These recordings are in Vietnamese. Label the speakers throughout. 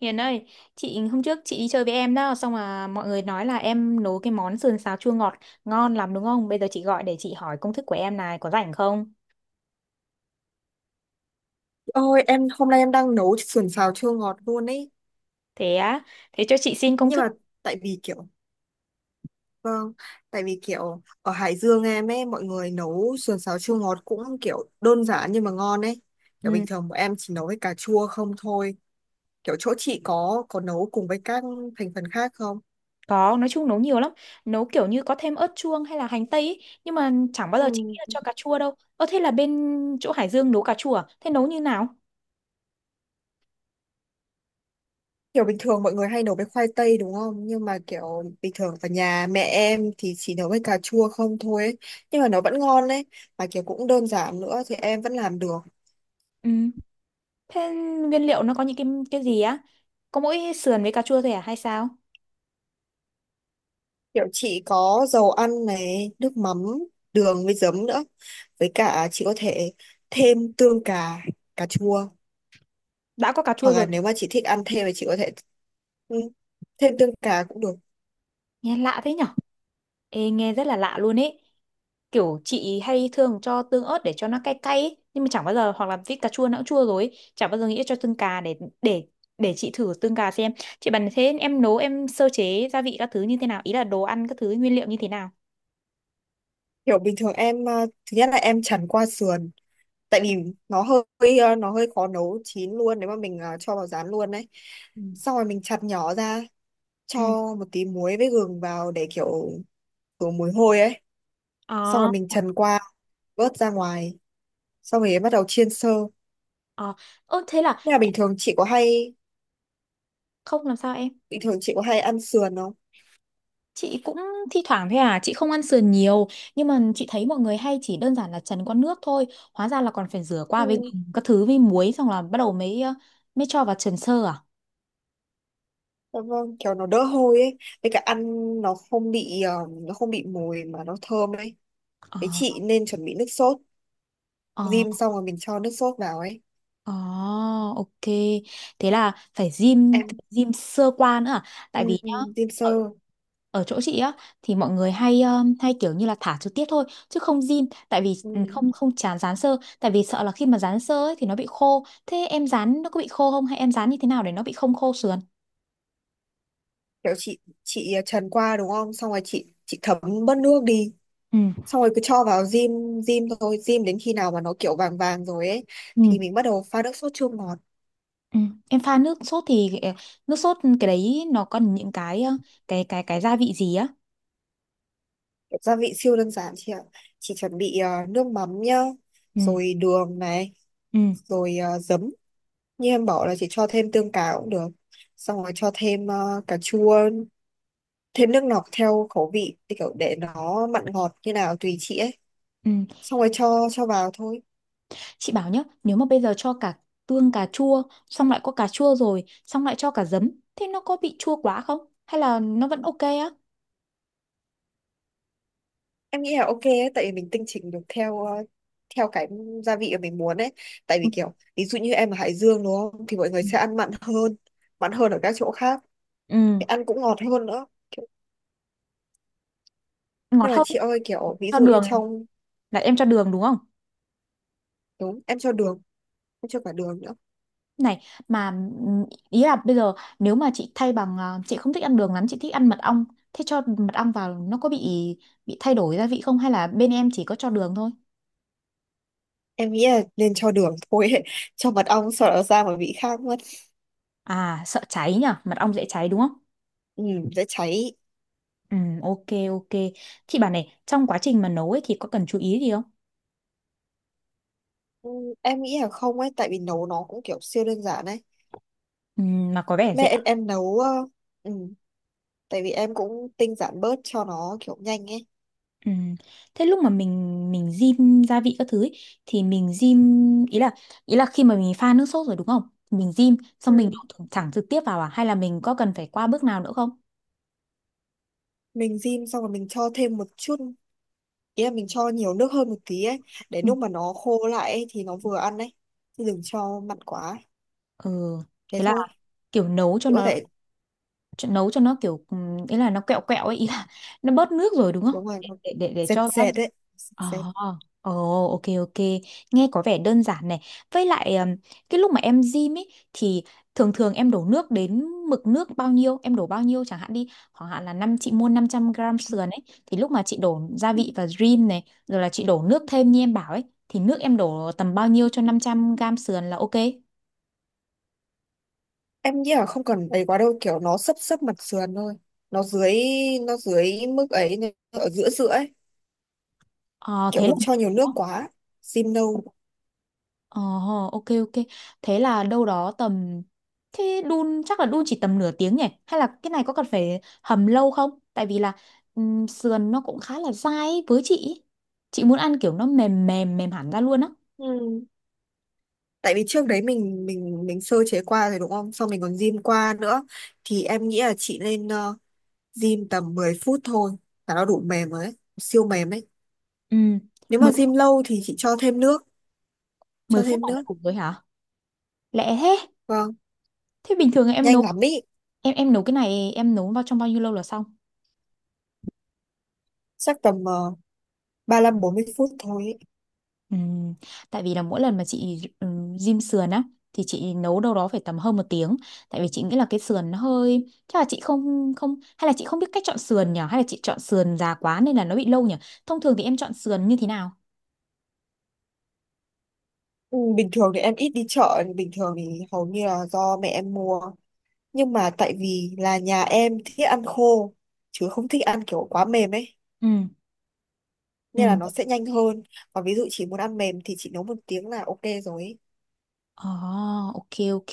Speaker 1: Hiền ơi, chị hôm trước chị đi chơi với em đó, xong mà mọi người nói là em nấu cái món sườn xào chua ngọt ngon lắm đúng không? Bây giờ chị gọi để chị hỏi công thức của em này, có rảnh không?
Speaker 2: Ôi, em hôm nay em đang nấu sườn xào chua ngọt luôn ấy.
Speaker 1: Thế á, thế cho chị xin công
Speaker 2: Nhưng
Speaker 1: thức.
Speaker 2: mà tại vì kiểu vâng tại vì kiểu ở Hải Dương em ấy mọi người nấu sườn xào chua ngọt cũng kiểu đơn giản nhưng mà ngon ấy. Kiểu bình
Speaker 1: Ừ,
Speaker 2: thường bọn em chỉ nấu với cà chua không thôi. Kiểu chỗ chị có nấu cùng với các thành phần khác không?
Speaker 1: có, nói chung nấu nhiều lắm. Nấu kiểu như có thêm ớt chuông hay là hành tây ý, nhưng mà chẳng bao giờ chị nghĩ là
Speaker 2: ừ.
Speaker 1: cho cà chua đâu. Ơ thế là bên chỗ Hải Dương nấu cà chua à? Thế nấu như nào?
Speaker 2: Kiểu bình thường mọi người hay nấu với khoai tây đúng không, nhưng mà kiểu bình thường ở nhà mẹ em thì chỉ nấu với cà chua không thôi ấy. Nhưng mà nó vẫn ngon đấy, mà kiểu cũng đơn giản nữa thì em vẫn làm được.
Speaker 1: Ừ, thế nguyên liệu nó có những cái gì á? Có mỗi sườn với cà chua thôi à hay sao?
Speaker 2: Kiểu chị có dầu ăn này, nước mắm, đường với giấm nữa. Với cả chị có thể thêm tương cà, cà chua.
Speaker 1: Đã có cà chua
Speaker 2: Hoặc
Speaker 1: rồi.
Speaker 2: là nếu mà chị thích ăn thêm thì chị có thể ừ, thêm tương cà cũng được.
Speaker 1: Nghe lạ thế nhở. Ê, nghe rất là lạ luôn ấy, kiểu chị hay thường cho tương ớt để cho nó cay cay ấy, nhưng mà chẳng bao giờ, hoặc là vít cà chua nó cũng chua rồi ấy, chẳng bao giờ nghĩ cho tương cà để để chị thử tương cà xem. Chị bảo, thế em nấu, em sơ chế gia vị các thứ như thế nào, ý là đồ ăn các thứ nguyên liệu như thế nào?
Speaker 2: Kiểu bình thường em, thứ nhất là em chần qua sườn. Tại vì nó hơi nó hơi khó nấu chín luôn nếu mà mình cho vào rán luôn đấy.
Speaker 1: Ừ.
Speaker 2: Xong rồi mình chặt nhỏ ra, cho
Speaker 1: Ừ.
Speaker 2: một tí muối với gừng vào để kiểu khử mùi hôi ấy. Xong rồi
Speaker 1: Ờ.
Speaker 2: mình trần qua, vớt ra ngoài. Xong rồi bắt đầu chiên sơ.
Speaker 1: Ờ. Ơ, thế là
Speaker 2: Nhà bình thường chị có hay
Speaker 1: không làm sao em?
Speaker 2: Bình thường chị có hay ăn sườn không?
Speaker 1: Chị cũng thi thoảng thôi à, chị không ăn sườn nhiều, nhưng mà chị thấy mọi người hay chỉ đơn giản là chần qua nước thôi, hóa ra là còn phải rửa
Speaker 2: Ừ.
Speaker 1: qua với gừng, các thứ với muối, xong là bắt đầu mới mới cho vào trần sơ à?
Speaker 2: Dạ vâng, kiểu nó đỡ hôi ấy, với cả ăn nó không bị nó không bị mùi mà nó thơm ấy. Thế
Speaker 1: Ờ.
Speaker 2: chị nên chuẩn bị nước sốt,
Speaker 1: Ờ.
Speaker 2: rim xong rồi mình cho nước sốt vào ấy.
Speaker 1: Ồ, ok. Thế là phải gym,
Speaker 2: Em
Speaker 1: gym sơ qua nữa à?
Speaker 2: ừ,
Speaker 1: Tại vì nhá,
Speaker 2: Rim
Speaker 1: ở,
Speaker 2: sơ.
Speaker 1: ở chỗ chị á thì mọi người hay hay kiểu như là thả trực tiếp thôi chứ không gym, tại vì
Speaker 2: Ừ.
Speaker 1: ừ, không không chán dán sơ, tại vì sợ là khi mà dán sơ ấy thì nó bị khô. Thế em dán nó có bị khô không, hay em dán như thế nào để nó bị không khô sườn?
Speaker 2: Kiểu chị trần qua đúng không? Xong rồi chị thấm bớt nước đi.
Speaker 1: Ừ.
Speaker 2: Xong rồi cứ cho vào rim rim thôi, rim đến khi nào mà nó kiểu vàng vàng rồi ấy
Speaker 1: Ừ.
Speaker 2: thì mình bắt đầu pha nước sốt chua ngọt.
Speaker 1: Ừ. Em pha nước sốt thì nước sốt cái đấy nó còn những cái cái gia vị gì á?
Speaker 2: Gia vị siêu đơn giản chị ạ, chỉ chuẩn bị nước mắm nhá,
Speaker 1: Ừ.
Speaker 2: rồi đường này,
Speaker 1: Ừ.
Speaker 2: rồi giấm. Như em bảo là chị cho thêm tương cà cũng được, xong rồi cho thêm cà chua, thêm nước lọc theo khẩu vị, thì kiểu để nó mặn ngọt như nào tùy chị ấy,
Speaker 1: Ừ.
Speaker 2: xong rồi cho vào thôi.
Speaker 1: Chị bảo nhá, nếu mà bây giờ cho cả tương cà chua, xong lại có cà chua rồi, xong lại cho cả giấm, thế nó có bị chua quá không? Hay là nó vẫn ok á?
Speaker 2: Em nghĩ là ok ấy, tại vì mình tinh chỉnh được theo theo cái gia vị mà mình muốn ấy. Tại
Speaker 1: Ừ.
Speaker 2: vì kiểu ví dụ như em ở Hải Dương đúng không thì mọi người sẽ ăn mặn hơn, mặn hơn ở các chỗ khác.
Speaker 1: Ừ,
Speaker 2: Thì ăn cũng ngọt hơn nữa.
Speaker 1: ngọt
Speaker 2: Nhưng mà
Speaker 1: hơn,
Speaker 2: chị ơi kiểu ví
Speaker 1: cho
Speaker 2: dụ như
Speaker 1: đường,
Speaker 2: trong
Speaker 1: là em cho đường đúng không?
Speaker 2: đúng, em cho đường, em cho cả đường nữa.
Speaker 1: Này, mà ừm, ý là bây giờ nếu mà chị thay bằng, à, chị không thích ăn đường lắm, chị thích ăn mật ong, thế cho mật ong vào nó có bị thay đổi gia vị không? Hay là bên em chỉ có cho đường thôi?
Speaker 2: Em nghĩ là nên cho đường thôi ấy. Cho mật ong sợ nó ra mà vị khác mất.
Speaker 1: À, sợ cháy nhỉ, mật ong dễ cháy đúng không?
Speaker 2: Ừ, dễ cháy.
Speaker 1: Ừ, ok, ok. Chị bảo này, trong quá trình mà nấu ấy thì có cần chú ý gì không?
Speaker 2: Ừ, em nghĩ là không ấy, tại vì nấu nó cũng kiểu siêu đơn giản ấy.
Speaker 1: Ừ, mà có vẻ
Speaker 2: Mẹ
Speaker 1: rẻ.
Speaker 2: em nấu ừ, tại vì em cũng tinh giản bớt cho nó kiểu nhanh ấy.
Speaker 1: Ừ. Thế lúc mà mình rim gia vị các thứ ấy, thì mình rim, ý là, ý là khi mà mình pha nước sốt rồi đúng không? Mình rim
Speaker 2: Ừ,
Speaker 1: xong mình đổ thẳng thẳng trực tiếp vào à, hay là mình có cần phải qua bước nào nữa không?
Speaker 2: mình rim xong rồi mình cho thêm một chút, ý là mình cho nhiều nước hơn một tí ấy, để
Speaker 1: Ừ.
Speaker 2: lúc mà nó khô lại ấy, thì nó vừa ăn ấy, chứ đừng cho mặn quá ấy.
Speaker 1: Ừ.
Speaker 2: Thế
Speaker 1: Thế là
Speaker 2: thôi,
Speaker 1: kiểu nấu cho
Speaker 2: chị có
Speaker 1: nó,
Speaker 2: thể
Speaker 1: nấu cho nó kiểu ừ, ý là nó quẹo quẹo ấy, ý là nó bớt nước rồi đúng không?
Speaker 2: đúng rồi, nó
Speaker 1: Để
Speaker 2: dệt
Speaker 1: cho nó.
Speaker 2: dệt đấy, dệt dệt.
Speaker 1: Ờ, ồ, ok ok, nghe có vẻ đơn giản này. Với lại cái lúc mà em gym ấy thì thường thường em đổ nước đến mực nước bao nhiêu, em đổ bao nhiêu chẳng hạn đi, khoảng hạn là năm, chị mua 500 gram sườn ấy, thì lúc mà chị đổ gia vị và rim này rồi là chị đổ nước thêm như em bảo ấy, thì nước em đổ tầm bao nhiêu cho 500 gram sườn là ok.
Speaker 2: Em nghĩ là không cần ấy quá đâu, kiểu nó sấp sấp mặt sườn thôi, nó dưới nó dưới mức ấy, nó ở giữa giữa ấy.
Speaker 1: Ờ
Speaker 2: Kiểu
Speaker 1: thế là.
Speaker 2: đừng cho nhiều nước quá, rim nâu.
Speaker 1: Ờ, ok ok. Thế là đâu đó tầm, thế đun chắc là đun chỉ tầm nửa tiếng nhỉ? Hay là cái này có cần phải hầm lâu không? Tại vì là sườn nó cũng khá là dai ấy, với chị ý. Chị muốn ăn kiểu nó mềm mềm mềm hẳn ra luôn á.
Speaker 2: Ừ. Tại vì trước đấy mình sơ chế qua rồi đúng không, xong mình còn rim qua nữa, thì em nghĩ là chị nên rim tầm 10 phút thôi là nó đủ mềm rồi ấy, siêu mềm ấy.
Speaker 1: Ừ,
Speaker 2: Nếu mà
Speaker 1: mười mười
Speaker 2: rim lâu thì chị cho thêm nước, cho
Speaker 1: phút
Speaker 2: thêm
Speaker 1: là đã
Speaker 2: nước.
Speaker 1: đủ rồi hả? Lẹ thế.
Speaker 2: Vâng,
Speaker 1: Thế bình thường em
Speaker 2: nhanh
Speaker 1: nấu,
Speaker 2: lắm ý.
Speaker 1: em nấu cái này em nấu vào trong bao nhiêu lâu là xong?
Speaker 2: Chắc tầm 35-40 phút thôi ý.
Speaker 1: Ừm, tại vì là mỗi lần mà chị rim sườn á thì chị nấu đâu đó phải tầm hơn 1 tiếng, tại vì chị nghĩ là cái sườn nó hơi, chắc là chị không không hay là chị không biết cách chọn sườn nhỉ, hay là chị chọn sườn già quá nên là nó bị lâu nhỉ. Thông thường thì em chọn sườn như thế nào?
Speaker 2: Ừ, bình thường thì em ít đi chợ, bình thường thì hầu như là do mẹ em mua. Nhưng mà tại vì là nhà em thích ăn khô, chứ không thích ăn kiểu quá mềm ấy,
Speaker 1: Ừ, ừ.
Speaker 2: nên là nó sẽ nhanh hơn. Còn ví dụ chị muốn ăn mềm thì chị nấu 1 tiếng là ok rồi ấy.
Speaker 1: Ồ, ok ok.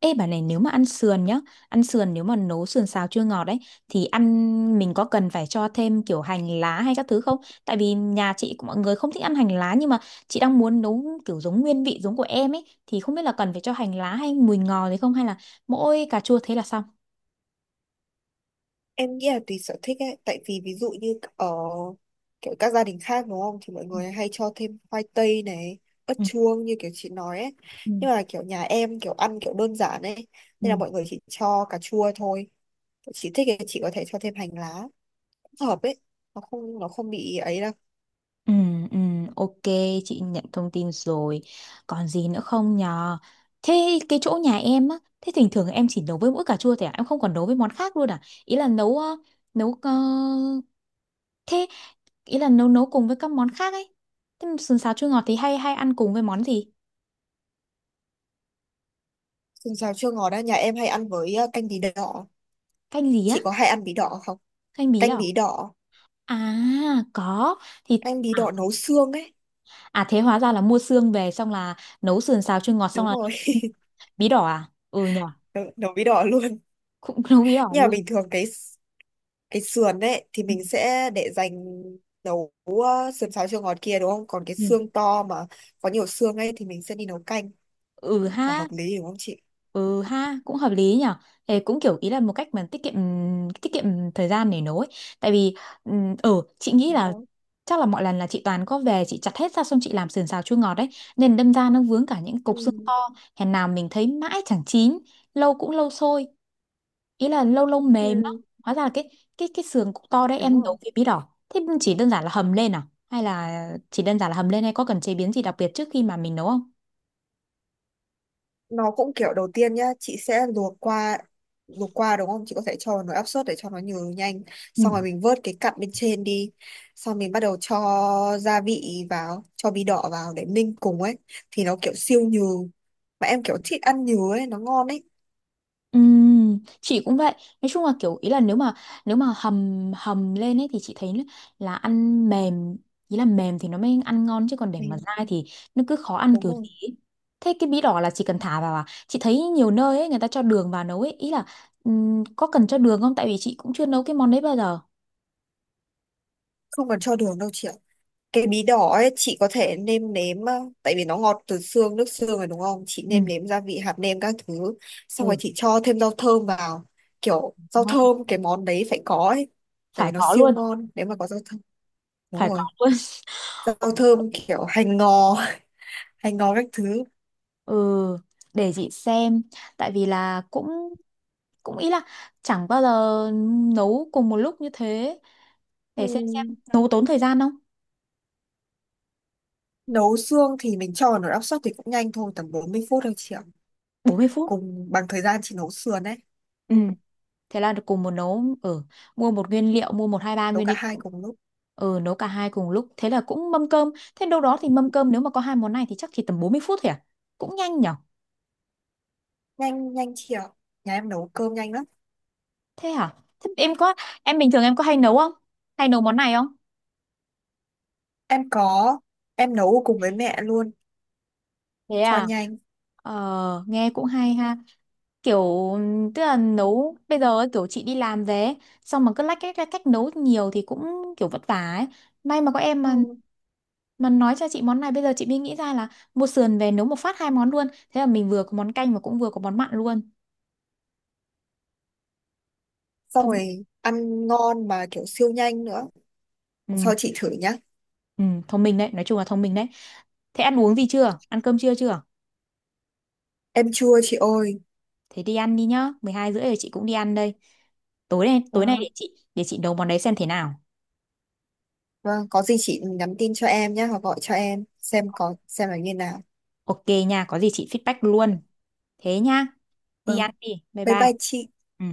Speaker 1: Ê bà này, nếu mà ăn sườn nhá, ăn sườn nếu mà nấu sườn xào chua ngọt đấy, thì ăn, mình có cần phải cho thêm kiểu hành lá hay các thứ không? Tại vì nhà chị cũng- mọi người không thích ăn hành lá, nhưng mà chị đang muốn nấu kiểu giống nguyên vị giống của em ấy, thì không biết là cần phải cho hành lá hay mùi ngò gì không, hay là mỗi cà chua thế là xong.
Speaker 2: Em nghĩ là tùy sở thích ấy, tại vì ví dụ như ở kiểu các gia đình khác đúng không thì mọi người hay cho thêm khoai tây này, ớt
Speaker 1: Ừ,
Speaker 2: chuông như kiểu chị nói ấy.
Speaker 1: ừ,
Speaker 2: Nhưng mà kiểu nhà em kiểu ăn kiểu đơn giản ấy,
Speaker 1: ừ.
Speaker 2: nên là mọi người chỉ cho cà chua thôi. Chị thích thì chị có thể cho thêm hành lá, hợp ấy, nó không bị ấy đâu.
Speaker 1: Ừ, ừ, ok, chị nhận thông tin rồi. Còn gì nữa không nhờ? Thế cái chỗ nhà em á, thế thỉnh thường em chỉ nấu với mỗi cà chua thôi à? Em không còn nấu với món khác luôn à? Ý là nấu nấu thế, ý là nấu nấu cùng với các món khác ấy. Thế mà sườn xào chua ngọt thì hay hay ăn cùng với món gì?
Speaker 2: Sườn xào chua ngọt á, nhà em hay ăn với canh bí đỏ.
Speaker 1: Canh gì á?
Speaker 2: Chị có hay ăn bí đỏ không?
Speaker 1: Canh bí
Speaker 2: Canh
Speaker 1: đỏ.
Speaker 2: bí đỏ,
Speaker 1: À, có. Thì
Speaker 2: canh bí đỏ
Speaker 1: à,
Speaker 2: nấu xương ấy.
Speaker 1: à thế hóa ra là mua xương về xong là nấu sườn xào chua ngọt, xong
Speaker 2: Đúng
Speaker 1: là
Speaker 2: rồi
Speaker 1: nấu bí đỏ à? Ừ nhờ,
Speaker 2: nấu bí đỏ luôn.
Speaker 1: cũng nấu bí đỏ
Speaker 2: Nhưng mà
Speaker 1: luôn.
Speaker 2: bình thường cái sườn ấy thì
Speaker 1: Ừ.
Speaker 2: mình sẽ để dành nấu sườn xào chua ngọt kia đúng không, còn cái
Speaker 1: Ừ.
Speaker 2: xương to mà có nhiều xương ấy thì mình sẽ đi nấu canh
Speaker 1: Ừ
Speaker 2: là
Speaker 1: ha.
Speaker 2: hợp lý đúng không chị?
Speaker 1: Ừ ha, cũng hợp lý nhở. Thế cũng kiểu, ý là một cách mà tiết kiệm thời gian để nấu ấy, tại vì ừ chị nghĩ
Speaker 2: Đúng
Speaker 1: là
Speaker 2: không?
Speaker 1: chắc là mọi lần là chị toàn có về chị chặt hết ra xong chị làm sườn xào chua ngọt đấy, nên đâm ra nó vướng cả những cục xương
Speaker 2: Ừ.
Speaker 1: to, hèn nào mình thấy mãi chẳng chín, lâu cũng lâu sôi, ý là lâu lâu
Speaker 2: Ừ.
Speaker 1: mềm lắm. Hóa ra là cái, cái sườn cục to đấy
Speaker 2: Đúng
Speaker 1: em
Speaker 2: rồi,
Speaker 1: nấu với bí đỏ, thế chỉ đơn giản là hầm lên à, hay là chỉ đơn giản là hầm lên hay có cần chế biến gì đặc biệt trước khi mà mình nấu không?
Speaker 2: nó cũng kiểu đầu tiên nhá, chị sẽ luộc qua, luộc qua đúng không, chị có thể cho vào nồi áp suất để cho nó nhừ nhanh, xong rồi mình vớt cái cặn bên trên đi, xong mình bắt đầu cho gia vị vào, cho bí đỏ vào để ninh cùng ấy, thì nó kiểu siêu nhừ, mà em kiểu thích ăn nhừ ấy, nó ngon ấy.
Speaker 1: Chị cũng vậy, nói chung là kiểu, ý là nếu mà, nếu mà hầm, hầm lên ấy thì chị thấy là ăn mềm, ý là mềm thì nó mới ăn ngon, chứ còn để
Speaker 2: Ừ,
Speaker 1: mà dai thì nó cứ khó ăn
Speaker 2: đúng
Speaker 1: kiểu
Speaker 2: rồi.
Speaker 1: gì ấy. Thế cái bí đỏ là chỉ cần thả vào à? Chị thấy nhiều nơi ấy người ta cho đường vào nấu ấy, ý là có cần cho đường không, tại vì chị cũng chưa nấu cái món đấy bao giờ.
Speaker 2: Không cần cho đường đâu chị ạ. Cái bí đỏ ấy chị có thể nêm nếm tại vì nó ngọt từ xương, nước xương rồi đúng không, chị
Speaker 1: Ừ.
Speaker 2: nêm nếm gia vị, hạt nêm các thứ, xong rồi
Speaker 1: Ừ.
Speaker 2: chị cho thêm rau thơm vào, kiểu rau
Speaker 1: Ngon,
Speaker 2: thơm cái món đấy phải có ấy, tại
Speaker 1: phải
Speaker 2: vì nó
Speaker 1: có
Speaker 2: siêu
Speaker 1: luôn,
Speaker 2: ngon nếu mà có rau thơm. Đúng
Speaker 1: phải có
Speaker 2: rồi,
Speaker 1: luôn.
Speaker 2: rau thơm kiểu hành ngò hành ngò các thứ.
Speaker 1: Ừ, để chị xem, tại vì là cũng, cũng ý là chẳng bao giờ nấu cùng một lúc như thế, để xem
Speaker 2: Ừm,
Speaker 1: nấu tốn thời gian không.
Speaker 2: nấu xương thì mình cho vào nồi áp suất thì cũng nhanh thôi, tầm 40 phút thôi chị ạ,
Speaker 1: 40 phút.
Speaker 2: cùng bằng thời gian chị nấu sườn ấy.
Speaker 1: Ừ,
Speaker 2: Ừm,
Speaker 1: thế là cùng một nấu ở, mua một nguyên liệu, mua một hai ba
Speaker 2: nấu
Speaker 1: nguyên
Speaker 2: cả
Speaker 1: liệu.
Speaker 2: hai cùng lúc.
Speaker 1: Ừ, nấu cả hai cùng lúc, thế là cũng mâm cơm, thế đâu đó thì mâm cơm nếu mà có hai món này thì chắc chỉ tầm 40 phút thôi à? Cũng nhanh nhở.
Speaker 2: Nhanh, nhanh chị ạ, nhà em nấu cơm nhanh lắm.
Speaker 1: Thế hả? Thế em có, em bình thường em có hay nấu không, hay nấu món này không?
Speaker 2: Em có, em nấu cùng với mẹ luôn
Speaker 1: Thế
Speaker 2: cho
Speaker 1: à?
Speaker 2: nhanh.
Speaker 1: Ờ, nghe cũng hay ha, kiểu tức là nấu bây giờ ấy, kiểu chị đi làm về ấy, xong mà cứ lách cách nấu nhiều thì cũng kiểu vất vả ấy, may mà có em
Speaker 2: Ừ.
Speaker 1: mà. Mà nói cho chị món này, bây giờ chị mới nghĩ ra là mua sườn về nấu một phát hai món luôn. Thế là mình vừa có món canh và cũng vừa có món mặn luôn.
Speaker 2: Xong
Speaker 1: Thông,
Speaker 2: rồi ăn ngon mà kiểu siêu nhanh nữa. Lần
Speaker 1: ừ,
Speaker 2: sau chị thử nhá.
Speaker 1: ừ, thông minh đấy, nói chung là thông minh đấy. Thế ăn uống gì chưa? Ăn cơm trưa chưa?
Speaker 2: Em chua chị ơi.
Speaker 1: Thế đi ăn đi nhá, 12 rưỡi rồi, chị cũng đi ăn đây. Tối nay
Speaker 2: Vâng,
Speaker 1: để chị nấu món đấy xem thế nào.
Speaker 2: vâng, có gì chị nhắn tin cho em nhé, hoặc gọi cho em xem có xem là như nào.
Speaker 1: Ok nha, có gì chị feedback luôn. Thế nha, đi ăn
Speaker 2: Vâng,
Speaker 1: đi. Bye
Speaker 2: bye
Speaker 1: bye.
Speaker 2: bye chị.
Speaker 1: Ừ.